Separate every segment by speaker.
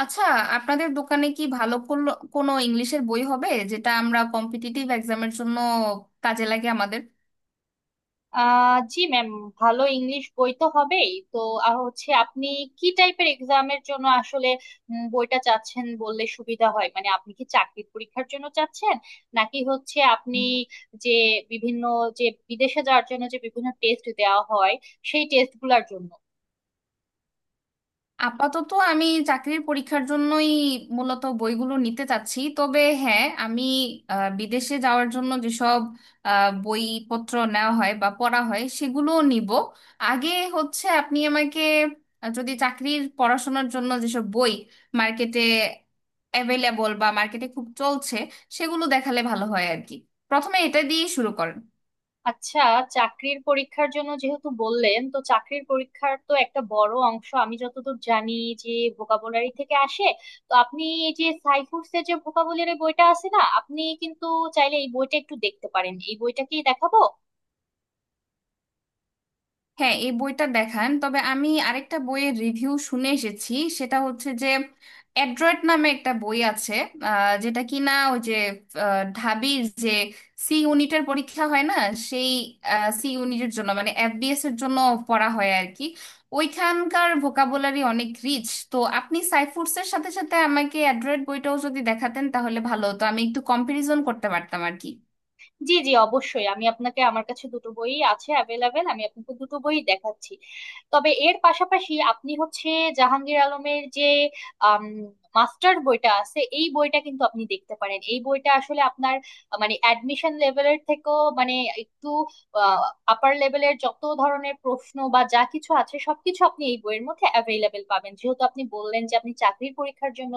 Speaker 1: আচ্ছা, আপনাদের দোকানে কি ভালো কোনো ইংলিশের বই হবে যেটা আমরা কম্পিটিটিভ এক্সামের জন্য কাজে লাগে আমাদের?
Speaker 2: জি ম্যাম। ভালো ইংলিশ বই তো হবেই তো। হচ্ছে আপনি কি টাইপের এক্সামের জন্য আসলে বইটা চাচ্ছেন বললে সুবিধা হয়, মানে আপনি কি চাকরির পরীক্ষার জন্য চাচ্ছেন নাকি হচ্ছে আপনি যে বিভিন্ন যে বিদেশে যাওয়ার জন্য যে বিভিন্ন টেস্ট দেওয়া হয়, সেই টেস্ট গুলার জন্য?
Speaker 1: আপাতত আমি চাকরির পরীক্ষার জন্যই মূলত বইগুলো নিতে চাচ্ছি, তবে হ্যাঁ আমি বিদেশে যাওয়ার জন্য যেসব বইপত্র নেওয়া হয় বা পড়া হয় সেগুলোও নিব আগে। হচ্ছে আপনি আমাকে যদি চাকরির পড়াশোনার জন্য যেসব বই মার্কেটে অ্যাভেলেবল বা মার্কেটে খুব চলছে সেগুলো দেখালে ভালো হয় আর কি। প্রথমে এটা দিয়ে শুরু করেন।
Speaker 2: আচ্ছা, চাকরির পরীক্ষার জন্য যেহেতু বললেন, তো চাকরির পরীক্ষার তো একটা বড় অংশ, আমি যতদূর জানি, যে ভোকাবুলারি থেকে আসে। তো আপনি এই যে সাইফুডসের যে ভোকাবুলারি বইটা আছে না, আপনি কিন্তু চাইলে এই বইটা একটু দেখতে পারেন। এই বইটা কি দেখাবো?
Speaker 1: হ্যাঁ, এই বইটা দেখান, তবে আমি আরেকটা বইয়ের রিভিউ শুনে এসেছি। সেটা হচ্ছে যে অ্যাড্রয়েড নামে একটা বই আছে, যেটা কিনা ওই যে ঢাবির যে সি ইউনিটের পরীক্ষা হয় না, সেই সি ইউনিটের জন্য মানে এফবিএস এর জন্য পড়া হয় আর কি। ওইখানকার ভোকাবুলারি অনেক রিচ। তো আপনি সাইফুডসের সাথে সাথে আমাকে অ্যাড্রয়েড বইটাও যদি দেখাতেন তাহলে ভালো হতো, আমি একটু কম্পারিজন করতে পারতাম আর কি।
Speaker 2: জি জি, অবশ্যই আমি আপনাকে, আমার কাছে দুটো বই আছে অ্যাভেলেবেল, আমি আপনাকে দুটো বই দেখাচ্ছি। তবে এর পাশাপাশি আপনি হচ্ছে জাহাঙ্গীর আলমের যে মাস্টার বইটা আছে, এই বইটা কিন্তু আপনি দেখতে পারেন। এই বইটা আসলে আপনার মানে অ্যাডমিশন লেভেলের থেকেও মানে একটু আপার লেভেলের যত ধরনের প্রশ্ন বা যা কিছু আছে সবকিছু আপনি এই বইয়ের মধ্যে অ্যাভেলেবেল পাবেন। যেহেতু আপনি বললেন যে আপনি চাকরির পরীক্ষার জন্য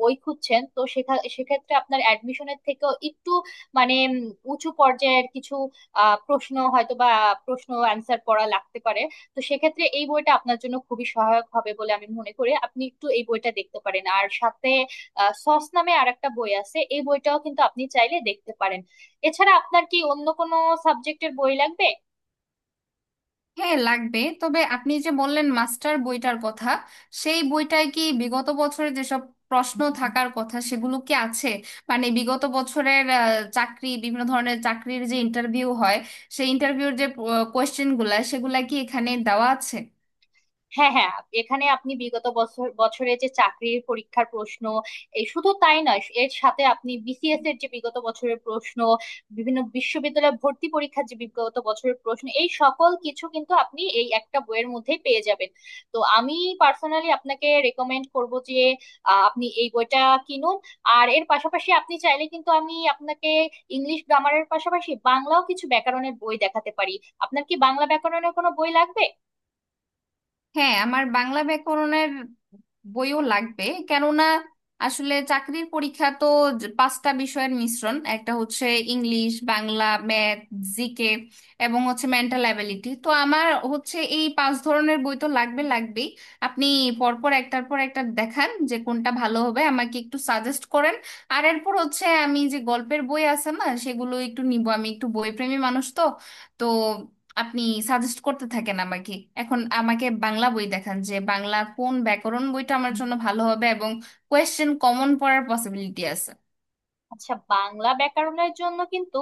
Speaker 2: বই খুঁজছেন, তো সেক্ষেত্রে আপনার অ্যাডমিশনের থেকেও একটু মানে উঁচু পর্যায়ের কিছু প্রশ্ন হয়তো বা প্রশ্ন অ্যান্সার করা লাগতে পারে। তো সেক্ষেত্রে এই বইটা আপনার জন্য খুবই সহায়ক হবে বলে আমি মনে করি, আপনি একটু এই বইটা দেখতে পারেন। আর সাথে সস নামে আরেকটা বই আছে, এই বইটাও কিন্তু আপনি চাইলে দেখতে পারেন। এছাড়া আপনার কি অন্য কোনো সাবজেক্টের বই লাগবে?
Speaker 1: হ্যাঁ, লাগবে। তবে আপনি যে বললেন মাস্টার বইটার কথা, সেই বইটায় কি বিগত বছরের যেসব প্রশ্ন থাকার কথা সেগুলো কি আছে? মানে বিগত বছরের চাকরি, বিভিন্ন ধরনের চাকরির যে ইন্টারভিউ হয়, সেই ইন্টারভিউর যে কোয়েশ্চেন গুলা সেগুলা কি এখানে দেওয়া আছে?
Speaker 2: হ্যাঁ হ্যাঁ, এখানে আপনি বিগত বছরে যে চাকরির পরীক্ষার প্রশ্ন, এই শুধু তাই নয়, এর সাথে আপনি বিসিএস এর যে বিগত বছরের প্রশ্ন, বিভিন্ন বিশ্ববিদ্যালয় ভর্তি পরীক্ষার যে বিগত বছরের প্রশ্ন, এই সকল কিছু কিন্তু আপনি এই একটা বইয়ের মধ্যেই পেয়ে যাবেন। তো আমি পার্সোনালি আপনাকে রেকমেন্ড করব যে আপনি এই বইটা কিনুন। আর এর পাশাপাশি আপনি চাইলে কিন্তু আমি আপনাকে ইংলিশ গ্রামারের পাশাপাশি বাংলাও কিছু ব্যাকরণের বই দেখাতে পারি। আপনার কি বাংলা ব্যাকরণের কোনো বই লাগবে?
Speaker 1: হ্যাঁ, আমার বাংলা ব্যাকরণের বইও লাগবে। কেননা আসলে চাকরির পরীক্ষা তো পাঁচটা বিষয়ের মিশ্রণ। একটা হচ্ছে ইংলিশ, বাংলা, ম্যাথ, জিকে এবং হচ্ছে মেন্টাল অ্যাবিলিটি। তো আমার হচ্ছে এই পাঁচ ধরনের বই তো লাগবে লাগবেই। আপনি পরপর একটার পর একটা দেখান যে কোনটা ভালো হবে, আমাকে একটু সাজেস্ট করেন। আর এরপর হচ্ছে আমি যে গল্পের বই আছে না সেগুলো একটু নিব, আমি একটু বইপ্রেমী মানুষ তো। তো আপনি সাজেস্ট করতে থাকেন আমাকে। এখন আমাকে বাংলা বই দেখান, যে বাংলা কোন ব্যাকরণ বইটা আমার জন্য ভালো হবে এবং কোয়েশ্চেন কমন পড়ার পসিবিলিটি আছে।
Speaker 2: আচ্ছা, বাংলা ব্যাকরণের জন্য কিন্তু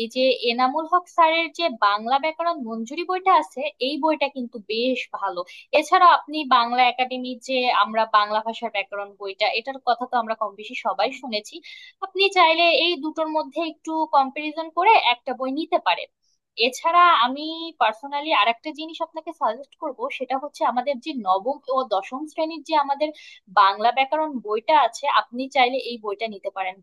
Speaker 2: এই যে এনামুল হক স্যারের যে বাংলা ব্যাকরণ মঞ্জুরি বইটা আছে, এই বইটা কিন্তু বেশ ভালো। এছাড়াও আপনি বাংলা একাডেমির যে আমরা বাংলা ভাষার ব্যাকরণ বইটা, এটার কথা তো আমরা কম বেশি সবাই শুনেছি। আপনি চাইলে এই দুটোর মধ্যে একটু কম্পারিজন করে একটা বই নিতে পারেন। এছাড়া আমি পার্সোনালি আরেকটা জিনিস আপনাকে সাজেস্ট করব, সেটা হচ্ছে আমাদের যে নবম ও দশম শ্রেণীর যে আমাদের বাংলা ব্যাকরণ বইটা আছে, আপনি চাইলে এই বইটা নিতে পারেন।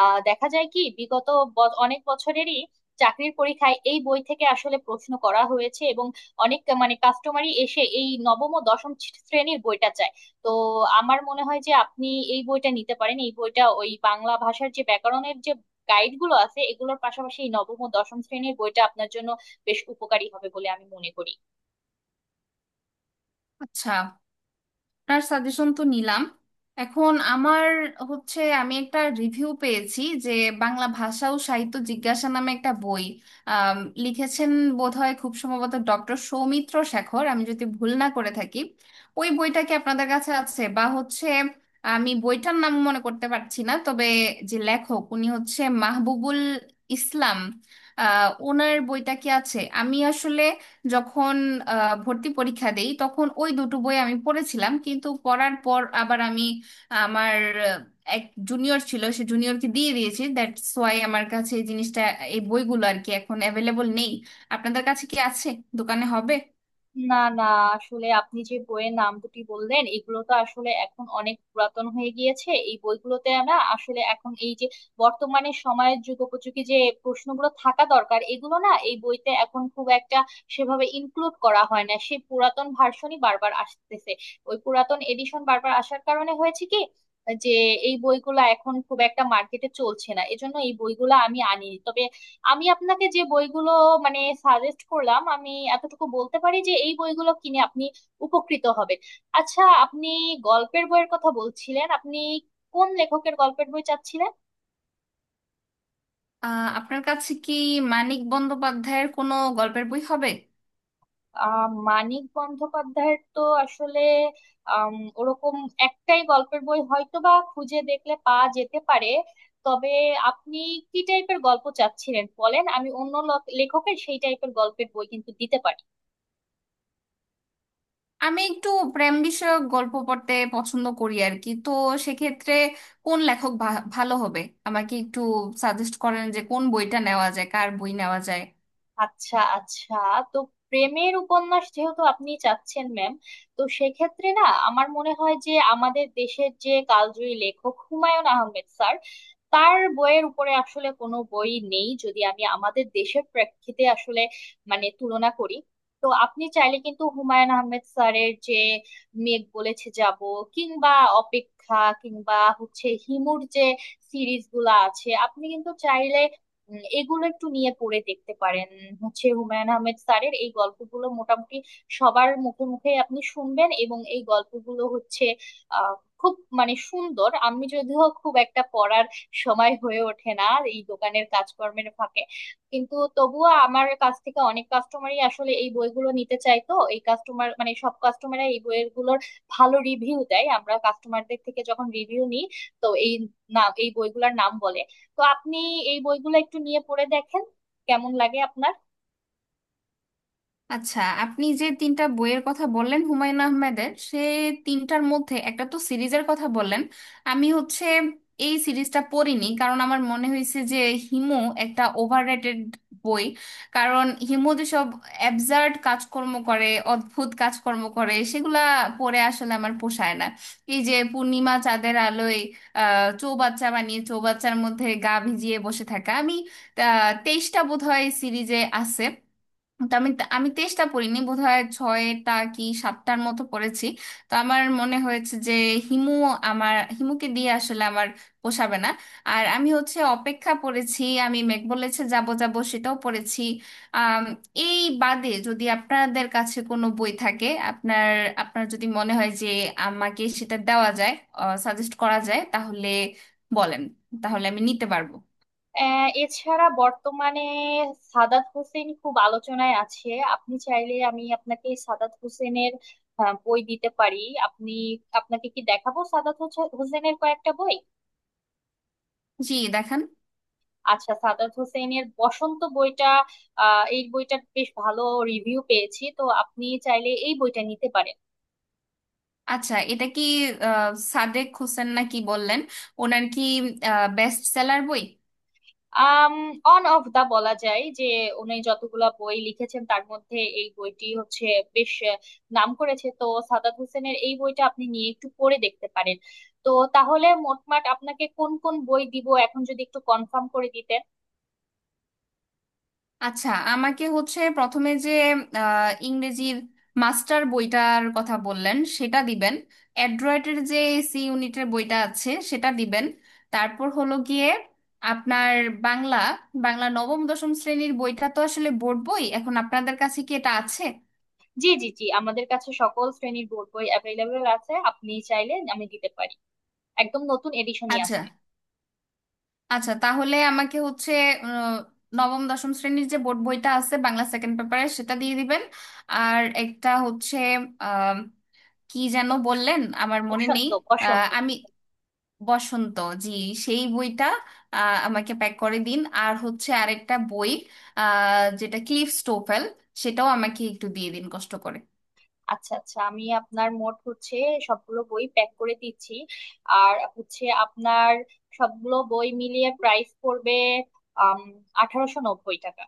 Speaker 2: আহ, দেখা যায় কি বিগত অনেক বছরেরই চাকরির পরীক্ষায় এই বই থেকে আসলে প্রশ্ন করা হয়েছে, এবং অনেক মানে কাস্টমারই এসে এই নবম ও দশম শ্রেণীর বইটা চায়। তো আমার মনে হয় যে আপনি এই বইটা নিতে পারেন, এই বইটা ওই বাংলা ভাষার যে ব্যাকরণের যে গাইড গুলো আছে এগুলোর পাশাপাশি এই নবম ও দশম শ্রেণীর বইটা আপনার জন্য বেশ উপকারী হবে বলে আমি মনে করি।
Speaker 1: আচ্ছা, আপনার সাজেশন তো নিলাম। এখন আমার হচ্ছে, আমি একটা রিভিউ পেয়েছি যে বাংলা ভাষা ও সাহিত্য জিজ্ঞাসা নামে একটা বই আম, লিখেছেন বোধহয় খুব সম্ভবত ডক্টর সৌমিত্র শেখর, আমি যদি ভুল না করে থাকি। ওই বইটা কি আপনাদের কাছে আছে বা হচ্ছে? আমি বইটার নাম মনে করতে পারছি না, তবে যে লেখক উনি হচ্ছে মাহবুবুল ইসলাম, আহ ওনার বইটা কি আছে? আমি আসলে যখন ভর্তি পরীক্ষা দেই তখন ওই দুটো বই আমি পড়েছিলাম, কিন্তু পড়ার পর আবার আমি আমার আহ, এক জুনিয়র ছিল, সে জুনিয়রকে দিয়ে দিয়েছি। দ্যাটস ওয়াই আমার কাছে এই জিনিসটা, এই বইগুলো আর কি এখন অ্যাভেলেবল নেই। আপনাদের কাছে কি আছে? দোকানে হবে?
Speaker 2: না না, আসলে আপনি যে বইয়ের নাম দুটি বললেন এগুলো তো আসলে এখন অনেক পুরাতন হয়ে গিয়েছে। এই বইগুলোতে আমরা আসলে এখন এই যে বর্তমানে সময়ের যুগোপযোগী যে প্রশ্নগুলো থাকা দরকার এগুলো না এই বইতে এখন খুব একটা সেভাবে ইনক্লুড করা হয় না, সেই পুরাতন ভার্সনই বারবার আসতেছে। ওই পুরাতন এডিশন বারবার আসার কারণে হয়েছে কি যে এই বইগুলা এখন খুব একটা মার্কেটে চলছে না, এজন্য এই বইগুলা আমি আনি। তবে আমি আপনাকে যে বইগুলো মানে সাজেস্ট করলাম, আমি এতটুকু বলতে পারি যে এই বইগুলো কিনে আপনি উপকৃত হবেন। আচ্ছা, আপনি গল্পের বইয়ের কথা বলছিলেন, আপনি কোন লেখকের গল্পের বই চাচ্ছিলেন?
Speaker 1: আপনার কাছে কি মানিক বন্দ্যোপাধ্যায়ের কোনো গল্পের বই হবে?
Speaker 2: আহ, মানিক বন্দ্যোপাধ্যায়ের তো আসলে ওরকম একটাই গল্পের বই হয়তো বা খুঁজে দেখলে পাওয়া যেতে পারে। তবে আপনি কি টাইপের গল্প চাচ্ছিলেন বলেন, আমি অন্য লেখকের সেই টাইপের গল্পের বই কিন্তু দিতে পারি।
Speaker 1: আমি একটু প্রেম বিষয়ক গল্প পড়তে পছন্দ করি আর কি। তো সেক্ষেত্রে কোন লেখক ভালো হবে? আমাকে একটু সাজেস্ট করেন যে কোন বইটা নেওয়া যায়, কার বই নেওয়া যায়।
Speaker 2: আচ্ছা আচ্ছা, তো প্রেমের উপন্যাস যেহেতু আপনি চাচ্ছেন ম্যাম, তো সেক্ষেত্রে না আমার মনে হয় যে আমাদের দেশের যে কালজয়ী লেখক হুমায়ুন আহমেদ স্যার, তার বইয়ের উপরে আসলে কোনো বই নেই, যদি আমি আমাদের দেশের প্রেক্ষিতে আসলে মানে তুলনা করি। তো আপনি চাইলে কিন্তু হুমায়ুন আহমেদ স্যারের যে মেঘ বলেছে যাব, কিংবা অপেক্ষা, কিংবা হচ্ছে হিমুর যে সিরিজগুলো আছে, আপনি কিন্তু চাইলে এগুলো একটু নিয়ে পড়ে দেখতে পারেন। হচ্ছে হুমায়ুন আহমেদ স্যারের এই গল্পগুলো মোটামুটি সবার মুখে মুখে আপনি শুনবেন, এবং এই গল্পগুলো হচ্ছে আহ খুব মানে সুন্দর। আমি যদিও খুব একটা পড়ার সময় হয়ে ওঠে না এই দোকানের কাজকর্মের ফাঁকে, কিন্তু তবুও আমার কাছ থেকে অনেক কাস্টমারই আসলে এই বইগুলো নিতে চায়। তো এই কাস্টমার মানে সব কাস্টমাররা এই বইগুলোর ভালো রিভিউ দেয়, আমরা কাস্টমারদের থেকে যখন রিভিউ নিই, তো এই নাম এই বইগুলোর নাম বলে। তো আপনি এই বইগুলো একটু নিয়ে পড়ে দেখেন, কেমন লাগে আপনার।
Speaker 1: আচ্ছা, আপনি যে তিনটা বইয়ের কথা বললেন হুমায়ুন আহমেদের, সে তিনটার মধ্যে একটা তো সিরিজের কথা বললেন। আমি হচ্ছে এই সিরিজটা পড়িনি, কারণ আমার মনে হয়েছে যে হিমু একটা ওভাররেটেড বই। কারণ হিমু যেসব অ্যাবসার্ড কাজকর্ম করে, অদ্ভুত কাজকর্ম করে সেগুলা পড়ে আসলে আমার পোষায় না। এই যে পূর্ণিমা চাঁদের আলোয় আহ চৌবাচ্চা বানিয়ে চৌবাচ্চার মধ্যে গা ভিজিয়ে বসে থাকা। আমি 23টা বোধহয় সিরিজে আছে, তো আমি আমি তেষ্টা পড়িনি, বোধহয় ছয়টা কি সাতটার মতো পড়েছি। তো আমার মনে হয়েছে যে হিমু, আমার হিমুকে দিয়ে আসলে আমার পোষাবে না। আর আমি হচ্ছে অপেক্ষা পড়েছি, আমি মেঘ বলেছে যাব যাব সেটাও পড়েছি। আম, এই বাদে যদি আপনাদের কাছে কোনো বই থাকে, আপনার আপনার যদি মনে হয় যে আমাকে সেটা দেওয়া যায়, সাজেস্ট করা যায় তাহলে বলেন, তাহলে আমি নিতে পারবো।
Speaker 2: এছাড়া বর্তমানে সাদাত হোসেন খুব আলোচনায় আছে। আপনি চাইলে আমি আপনাকে সাদাত হোসেনের বই দিতে পারি। আপনি, আপনাকে কি দেখাবো সাদাত হোসেনের কয়েকটা বই?
Speaker 1: জি, দেখান।
Speaker 2: আচ্ছা, সাদাত হোসেনের বসন্ত বইটা, আহ, এই বইটার বেশ ভালো রিভিউ পেয়েছি। তো আপনি চাইলে এই বইটা নিতে পারেন।
Speaker 1: আচ্ছা, এটা কি সাদেক হোসেন নাকি বললেন? ওনার কি বেস্ট সেলার বই?
Speaker 2: আম অন অফ দা বলা যায় যে উনি যতগুলা বই লিখেছেন তার মধ্যে এই বইটি হচ্ছে বেশ নাম করেছে। তো সাদাত হোসেনের এই বইটা আপনি নিয়ে একটু পড়ে দেখতে পারেন। তো তাহলে মোটমাট আপনাকে কোন কোন বই দিব এখন, যদি একটু কনফার্ম করে দিতেন?
Speaker 1: আচ্ছা, আমাকে হচ্ছে প্রথমে যে ইংরেজির মাস্টার বইটার কথা বললেন সেটা দিবেন। অ্যাড্রয়েডের যে সি ইউনিটের বইটা আছে সেটা দিবেন। তারপর হলো গিয়ে আপনার বাংলা বাংলা নবম দশম শ্রেণীর বইটা তো আসলে বোর্ড বই। এখন আপনাদের কাছে কি এটা আছে?
Speaker 2: জি জি জি, আমাদের কাছে সকল শ্রেণীর বোর্ড বই অ্যাভেলেবল আছে, আপনি চাইলে আমি দিতে পারি। একদম নতুন এডিশনই
Speaker 1: আচ্ছা,
Speaker 2: আছে।
Speaker 1: আচ্ছা তাহলে আমাকে হচ্ছে আহ, নবম দশম শ্রেণীর যে বোর্ড বইটা আছে বাংলা সেকেন্ড পেপারে সেটা দিয়ে দিবেন। আর একটা হচ্ছে, আম, কি যেন বললেন আমার মনে নেই।
Speaker 2: বসন্ত, বসন্ত।
Speaker 1: আমি বসন্ত, জি সেই বইটা আমাকে প্যাক করে দিন। আর হচ্ছে আরেকটা বই যেটা ক্লিফ স্টোফেল, সেটাও আমাকে একটু দিয়ে দিন কষ্ট করে।
Speaker 2: আচ্ছা আচ্ছা, আমি আপনার মোট হচ্ছে সবগুলো বই প্যাক করে দিচ্ছি। আর হচ্ছে আপনার সবগুলো বই মিলিয়ে প্রাইস পড়বে আম 1890 টাকা।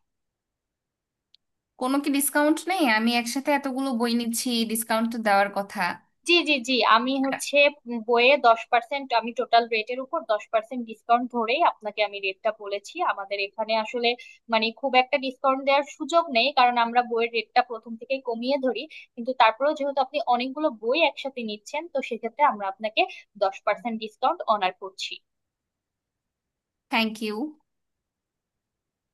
Speaker 1: কোনো কি ডিসকাউন্ট নেই? আমি একসাথে এতগুলো বই নিচ্ছি, ডিসকাউন্ট তো দেওয়ার কথা।
Speaker 2: জি জি জি, আমি হচ্ছে বইয়ে 10%, আমি টোটাল রেটের উপর 10% ডিসকাউন্ট ধরেই আপনাকে আমি রেটটা বলেছি। আমাদের এখানে আসলে মানে খুব একটা ডিসকাউন্ট দেওয়ার সুযোগ নেই, কারণ আমরা বইয়ের রেটটা প্রথম থেকেই কমিয়ে ধরি। কিন্তু তারপরেও যেহেতু আপনি অনেকগুলো বই একসাথে নিচ্ছেন, তো সেক্ষেত্রে আমরা আপনাকে 10% ডিসকাউন্ট অনার করছি।
Speaker 1: Thank you.